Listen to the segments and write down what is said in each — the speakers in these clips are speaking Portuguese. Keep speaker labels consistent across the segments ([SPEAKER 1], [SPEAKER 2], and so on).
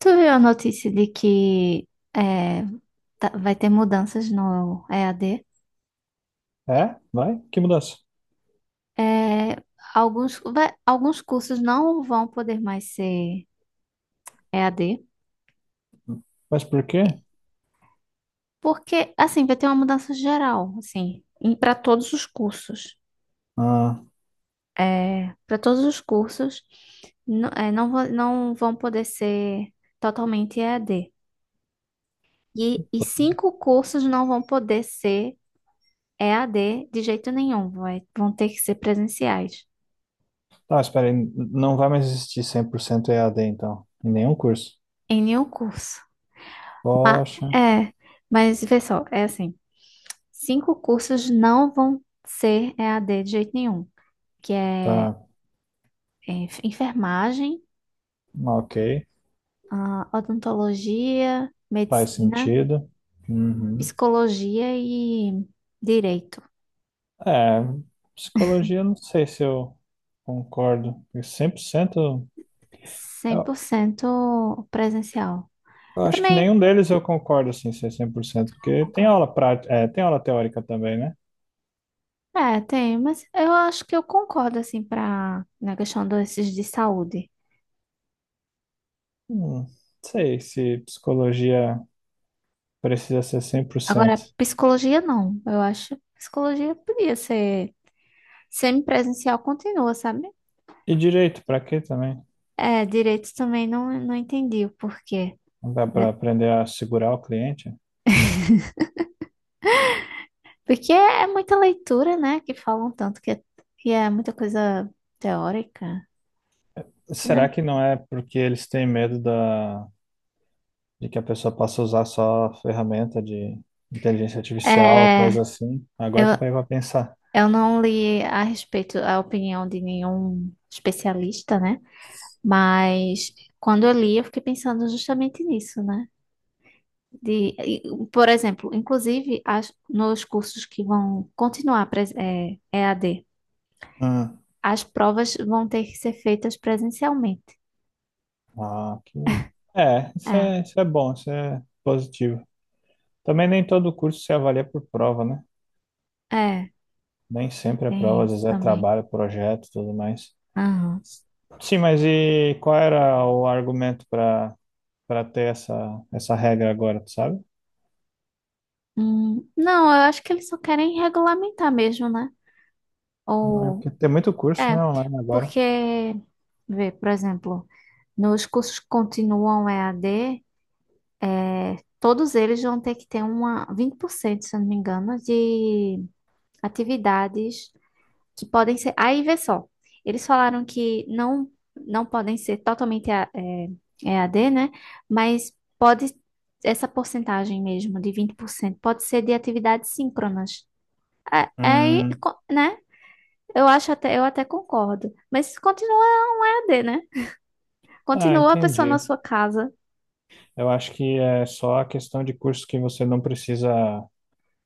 [SPEAKER 1] Tu viu a notícia de que é, vai ter mudanças no EAD?
[SPEAKER 2] É? Vai? Que mudança?
[SPEAKER 1] É, alguns, alguns cursos não vão poder mais ser EAD,
[SPEAKER 2] Mas por quê?
[SPEAKER 1] porque assim vai ter uma mudança geral, assim, para todos os cursos.
[SPEAKER 2] Ah,
[SPEAKER 1] Para todos os cursos não, não, não vão poder ser totalmente EAD. E cinco cursos não vão poder ser EAD de jeito nenhum, vão ter que ser presenciais.
[SPEAKER 2] tá, espera aí. Não vai mais existir 100% EAD, então. Em nenhum curso.
[SPEAKER 1] Em nenhum curso. Ma-
[SPEAKER 2] Poxa,
[SPEAKER 1] é, mas vê só, é assim, cinco cursos não vão ser EAD de jeito nenhum, que é,
[SPEAKER 2] tá.
[SPEAKER 1] enfermagem,
[SPEAKER 2] Ah, ok.
[SPEAKER 1] ah, odontologia,
[SPEAKER 2] Faz
[SPEAKER 1] medicina,
[SPEAKER 2] sentido. Uhum.
[SPEAKER 1] psicologia e direito.
[SPEAKER 2] É, psicologia, não sei se eu concordo. Porque 100%,
[SPEAKER 1] cem
[SPEAKER 2] eu,
[SPEAKER 1] por cento presencial.
[SPEAKER 2] eu
[SPEAKER 1] Eu
[SPEAKER 2] acho que
[SPEAKER 1] também
[SPEAKER 2] nenhum deles eu concordo, assim, ser 100%, porque tem
[SPEAKER 1] concordo.
[SPEAKER 2] aula prática, é, tem aula teórica também, né?
[SPEAKER 1] É, tem, mas eu acho que eu concordo, assim, pra, na questão desses de saúde.
[SPEAKER 2] Não sei se psicologia precisa ser cem por
[SPEAKER 1] Agora,
[SPEAKER 2] cento.
[SPEAKER 1] psicologia não, eu acho. Que psicologia podia ser semipresencial, continua, sabe?
[SPEAKER 2] E direito, pra quê também?
[SPEAKER 1] É, direito também não, não entendi o porquê,
[SPEAKER 2] Não dá para
[SPEAKER 1] né?
[SPEAKER 2] aprender a segurar o cliente?
[SPEAKER 1] Porque é muita leitura, né? Que falam tanto que é muita coisa teórica,
[SPEAKER 2] Será
[SPEAKER 1] né?
[SPEAKER 2] que não é porque eles têm medo da, de que a pessoa possa usar só ferramenta de inteligência artificial,
[SPEAKER 1] É,
[SPEAKER 2] coisa assim?
[SPEAKER 1] eu,
[SPEAKER 2] Agora que eu parei para pensar.
[SPEAKER 1] eu não li a respeito a opinião de nenhum especialista, né? Mas quando eu li, eu fiquei pensando justamente nisso, né? De, e, por exemplo, inclusive as, nos cursos que vão continuar E a d.
[SPEAKER 2] Hum.
[SPEAKER 1] As provas vão ter que ser feitas presencialmente.
[SPEAKER 2] Ah, que... É, isso
[SPEAKER 1] É,
[SPEAKER 2] é, isso é bom, isso é positivo. Também nem todo curso se avalia por prova, né?
[SPEAKER 1] é,
[SPEAKER 2] Nem sempre é prova,
[SPEAKER 1] tem
[SPEAKER 2] às
[SPEAKER 1] isso
[SPEAKER 2] vezes é
[SPEAKER 1] também.
[SPEAKER 2] trabalho, projeto, e tudo mais.
[SPEAKER 1] Aham.
[SPEAKER 2] Sim, mas e qual era o argumento para ter essa regra agora, tu sabe?
[SPEAKER 1] Não, eu acho que eles só querem regulamentar mesmo, né?
[SPEAKER 2] É
[SPEAKER 1] Ou,
[SPEAKER 2] porque tem muito curso,
[SPEAKER 1] é,
[SPEAKER 2] né, online agora.
[SPEAKER 1] porque, vê, por exemplo, nos cursos que continuam EAD, é, todos eles vão ter que ter uma 20%, se eu não me engano, de atividades que podem ser. Aí vê só, eles falaram que não, não podem ser totalmente EAD, né? Mas pode, essa porcentagem mesmo, de 20% pode ser de atividades síncronas.
[SPEAKER 2] Hum,
[SPEAKER 1] Né? Eu acho até, eu até concordo. Mas continua EAD, né?
[SPEAKER 2] ah,
[SPEAKER 1] Continua a pessoa na
[SPEAKER 2] entendi.
[SPEAKER 1] sua casa.
[SPEAKER 2] Eu acho que é só a questão de curso que você não precisa,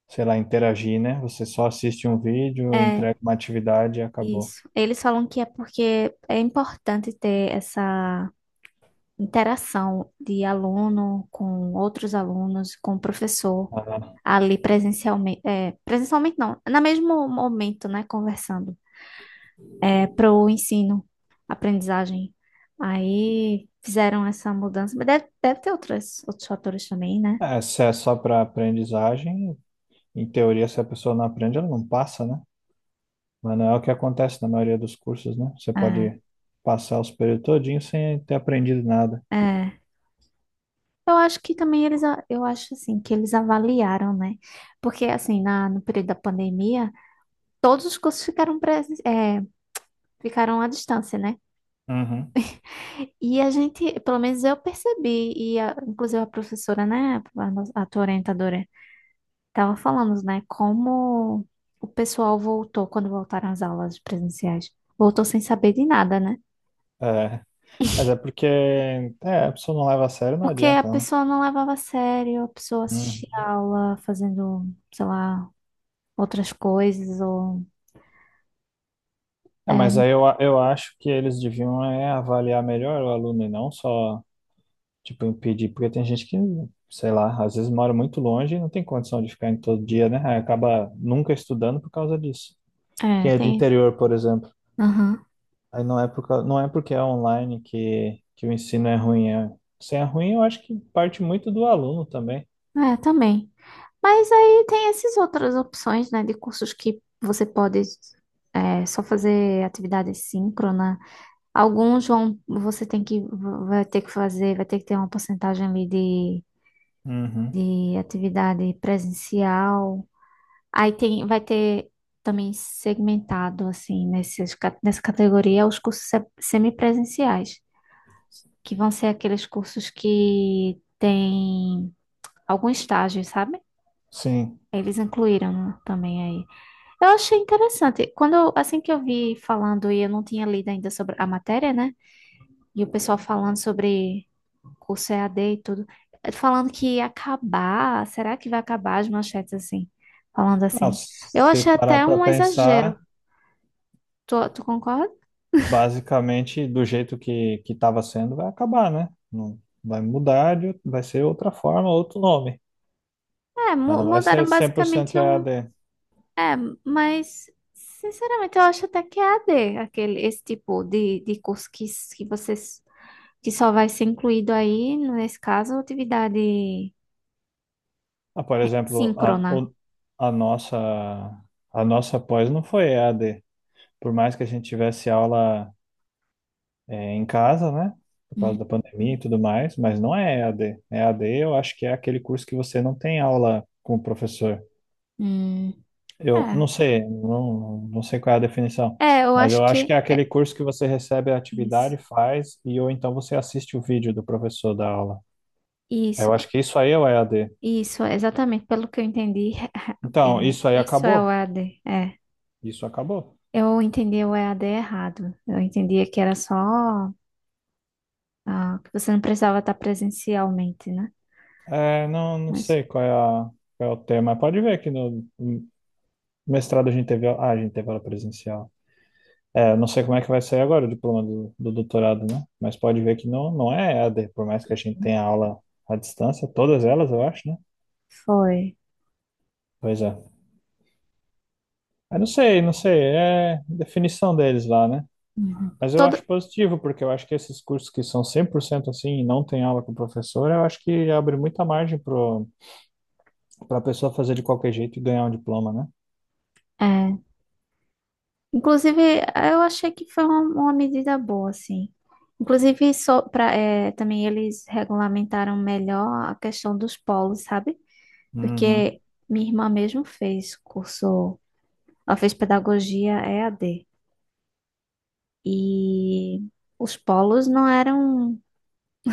[SPEAKER 2] sei lá, interagir, né? Você só assiste um vídeo,
[SPEAKER 1] É,
[SPEAKER 2] entrega uma atividade e acabou.
[SPEAKER 1] isso. Eles falam que é porque é importante ter essa interação de aluno com outros alunos, com o professor, ali presencialmente, é, presencialmente não, no mesmo momento, né, conversando, é, para o ensino, aprendizagem. Aí fizeram essa mudança, mas deve ter outras, outros fatores também, né?
[SPEAKER 2] Ah, é, se é só para aprendizagem, em teoria, se a pessoa não aprende, ela não passa, né? Mas não é o que acontece na maioria dos cursos, né? Você pode passar os períodos todinhos sem ter aprendido nada.
[SPEAKER 1] É, é. Eu acho que também eu acho assim, que eles avaliaram, né? Porque assim, na, no período da pandemia, todos os cursos ficaram, ficaram à distância, né?
[SPEAKER 2] Uhum.
[SPEAKER 1] E a gente, pelo menos eu percebi, e inclusive a professora, né, a tua orientadora, tava falando, né, como o pessoal voltou, quando voltaram as aulas presenciais, voltou sem saber de nada, né?
[SPEAKER 2] É, mas é porque é, a pessoa não leva a sério, não
[SPEAKER 1] Porque a
[SPEAKER 2] adianta, né?
[SPEAKER 1] pessoa não levava a sério, a pessoa
[SPEAKER 2] Uhum.
[SPEAKER 1] assistia a aula fazendo, sei lá, outras coisas, ou...
[SPEAKER 2] É,
[SPEAKER 1] É,
[SPEAKER 2] mas aí eu acho que eles deviam avaliar melhor o aluno e não só, tipo, impedir, porque tem gente que, sei lá, às vezes mora muito longe e não tem condição de ficar em todo dia, né? Aí acaba nunca estudando por causa disso. Quem é de
[SPEAKER 1] tem...
[SPEAKER 2] interior, por exemplo,
[SPEAKER 1] Aham.
[SPEAKER 2] aí não é porque é online que o ensino é ruim. É, se é ruim, eu acho que parte muito do aluno também.
[SPEAKER 1] É, também. Mas aí tem essas outras opções, né, de cursos que você pode é, só fazer atividade síncrona. Alguns vão, você tem que, vai ter que fazer, vai ter que ter uma porcentagem ali
[SPEAKER 2] Uhum.
[SPEAKER 1] de atividade presencial. Aí tem, vai ter também segmentado, assim, nesses, nessa categoria, os cursos semipresenciais, que vão ser aqueles cursos que tem algum estágio, sabe?
[SPEAKER 2] Sim.
[SPEAKER 1] Eles incluíram, né, também aí. Eu achei interessante. Quando, assim que eu vi falando, e eu não tinha lido ainda sobre a matéria, né? E o pessoal falando sobre curso EAD e tudo, eh, falando que ia acabar, será que vai acabar as manchetes assim? Falando
[SPEAKER 2] Não,
[SPEAKER 1] assim. Eu
[SPEAKER 2] se
[SPEAKER 1] achei
[SPEAKER 2] parar
[SPEAKER 1] até
[SPEAKER 2] para
[SPEAKER 1] um exagero.
[SPEAKER 2] pensar.
[SPEAKER 1] Tu concorda?
[SPEAKER 2] Basicamente do jeito que estava sendo vai acabar, né? Não vai mudar, vai ser outra forma, outro nome,
[SPEAKER 1] É,
[SPEAKER 2] mas não vai ser
[SPEAKER 1] mudaram
[SPEAKER 2] 100%
[SPEAKER 1] basicamente
[SPEAKER 2] E a
[SPEAKER 1] um.
[SPEAKER 2] d
[SPEAKER 1] É, mas, sinceramente, eu acho até que é EAD, aquele, esse tipo de curso que, que vocês, que só vai ser incluído aí, nesse caso, atividade
[SPEAKER 2] Ah, por exemplo,
[SPEAKER 1] síncrona.
[SPEAKER 2] a nossa a nossa pós não foi EAD, por mais que a gente tivesse aula em casa, né? Por
[SPEAKER 1] Hum,
[SPEAKER 2] causa da pandemia e tudo mais, mas não é EAD. EAD eu acho que é aquele curso que você não tem aula com o professor.
[SPEAKER 1] hum,
[SPEAKER 2] Eu
[SPEAKER 1] é.
[SPEAKER 2] não sei, não sei qual é a definição,
[SPEAKER 1] É, eu
[SPEAKER 2] mas
[SPEAKER 1] acho
[SPEAKER 2] eu acho que
[SPEAKER 1] que
[SPEAKER 2] é
[SPEAKER 1] é
[SPEAKER 2] aquele curso que você recebe a
[SPEAKER 1] isso.
[SPEAKER 2] atividade, faz, e ou então você assiste o vídeo do professor da aula.
[SPEAKER 1] Isso,
[SPEAKER 2] Eu acho que isso aí é o EAD.
[SPEAKER 1] isso, exatamente, pelo que eu entendi,
[SPEAKER 2] Então,
[SPEAKER 1] é,
[SPEAKER 2] isso aí
[SPEAKER 1] isso é o
[SPEAKER 2] acabou?
[SPEAKER 1] EAD, é.
[SPEAKER 2] Isso acabou.
[SPEAKER 1] Eu entendi o EAD errado. Eu entendia que era só, ah, que você não precisava estar presencialmente, né?
[SPEAKER 2] É, não, não
[SPEAKER 1] Mas
[SPEAKER 2] sei qual é o tema. Pode ver que no mestrado a gente teve aula presencial. É, não sei como é que vai sair agora o diploma do doutorado, né? Mas pode ver que não é EAD, por mais que a gente tenha aula à distância, todas elas, eu acho, né?
[SPEAKER 1] foi.
[SPEAKER 2] Pois é. Eu não sei, é definição deles lá, né?
[SPEAKER 1] Uhum.
[SPEAKER 2] Mas eu
[SPEAKER 1] Todo,
[SPEAKER 2] acho positivo, porque eu acho que esses cursos que são 100% assim e não tem aula com o professor, eu acho que abre muita margem para a pessoa fazer de qualquer jeito e ganhar um diploma, né?
[SPEAKER 1] é. Inclusive, eu achei que foi uma medida boa, assim. Inclusive, só pra, é, também eles regulamentaram melhor a questão dos polos, sabe?
[SPEAKER 2] Uhum.
[SPEAKER 1] Porque minha irmã mesmo fez curso, ela fez pedagogia EAD. E os polos não eram,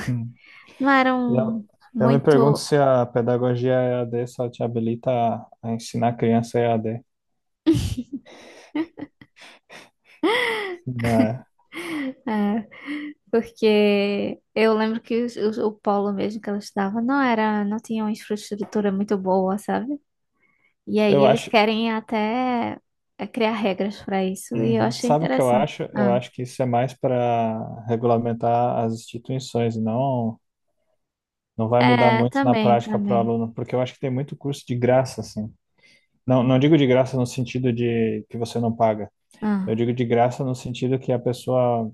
[SPEAKER 2] Hum.
[SPEAKER 1] não
[SPEAKER 2] E
[SPEAKER 1] eram
[SPEAKER 2] Eu, eu me pergunto
[SPEAKER 1] muito.
[SPEAKER 2] se a pedagogia E a EAD só te habilita a, ensinar a criança EAD, né?
[SPEAKER 1] É, porque eu lembro que o polo mesmo que ela estudava não era, não tinha uma infraestrutura muito boa, sabe? E aí
[SPEAKER 2] Eu
[SPEAKER 1] eles
[SPEAKER 2] acho,
[SPEAKER 1] querem até é, criar regras para isso, e eu
[SPEAKER 2] uhum.
[SPEAKER 1] achei
[SPEAKER 2] Sabe o que eu
[SPEAKER 1] interessante.
[SPEAKER 2] acho? Eu
[SPEAKER 1] Ah,
[SPEAKER 2] acho que isso é mais para regulamentar as instituições. Não vai mudar
[SPEAKER 1] é,
[SPEAKER 2] muito na
[SPEAKER 1] também,
[SPEAKER 2] prática para o
[SPEAKER 1] também.
[SPEAKER 2] aluno, porque eu acho que tem muito curso de graça, assim. Não, não digo de graça no sentido de que você não paga. Eu
[SPEAKER 1] Ah,
[SPEAKER 2] digo de graça no sentido que a pessoa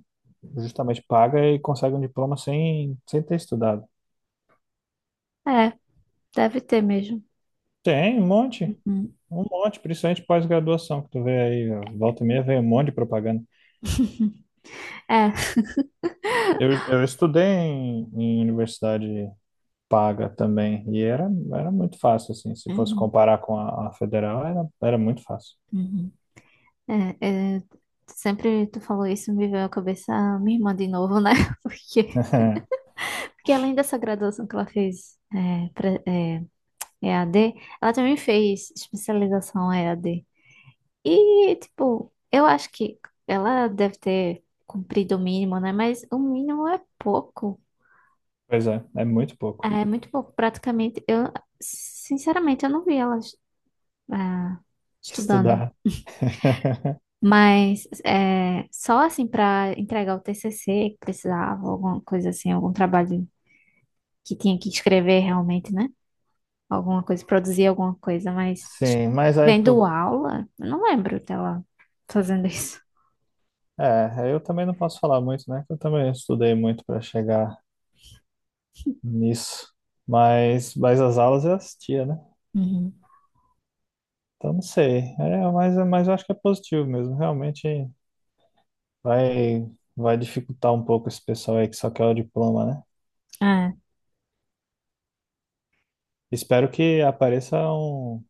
[SPEAKER 2] justamente paga e consegue um diploma sem ter estudado.
[SPEAKER 1] é, deve ter mesmo.
[SPEAKER 2] Tem
[SPEAKER 1] Uhum.
[SPEAKER 2] um monte, principalmente pós-graduação, que tu vê aí, ó, volta e meia vem um monte de propaganda.
[SPEAKER 1] É.
[SPEAKER 2] Eu estudei em universidade paga também, e era muito fácil, assim, se fosse
[SPEAKER 1] Uhum,
[SPEAKER 2] comparar com a federal, era muito fácil.
[SPEAKER 1] uhum. É, é, sempre tu falou isso, me veio à cabeça a minha irmã de novo, né? Porque, porque além dessa graduação que ela fez EAD, ela também fez especialização EAD. E, tipo, eu acho que ela deve ter cumprido o mínimo, né? Mas o mínimo é pouco.
[SPEAKER 2] Pois é, é muito pouco
[SPEAKER 1] É muito pouco, praticamente. Sinceramente, eu não vi ela, ah, estudando.
[SPEAKER 2] estudar.
[SPEAKER 1] Mas é, só assim para entregar o TCC que precisava, alguma coisa assim, algum trabalho que tinha que escrever realmente, né? Alguma coisa, produzir alguma coisa, mas
[SPEAKER 2] Sim, mas aí,
[SPEAKER 1] vendo
[SPEAKER 2] pô,
[SPEAKER 1] aula, eu não lembro dela fazendo isso.
[SPEAKER 2] eu também não posso falar muito, né? Que eu também estudei muito para chegar nisso, mas as aulas eu assistia, né?
[SPEAKER 1] Uhum.
[SPEAKER 2] Então não sei, mas eu acho que é positivo mesmo, realmente vai, vai dificultar um pouco esse pessoal aí que só quer o diploma, né?
[SPEAKER 1] É.
[SPEAKER 2] Espero que apareçam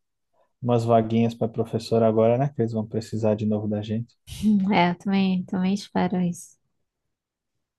[SPEAKER 2] umas vaguinhas para professor agora, né? Que eles vão precisar de novo da gente.
[SPEAKER 1] É, eu também, também espero isso.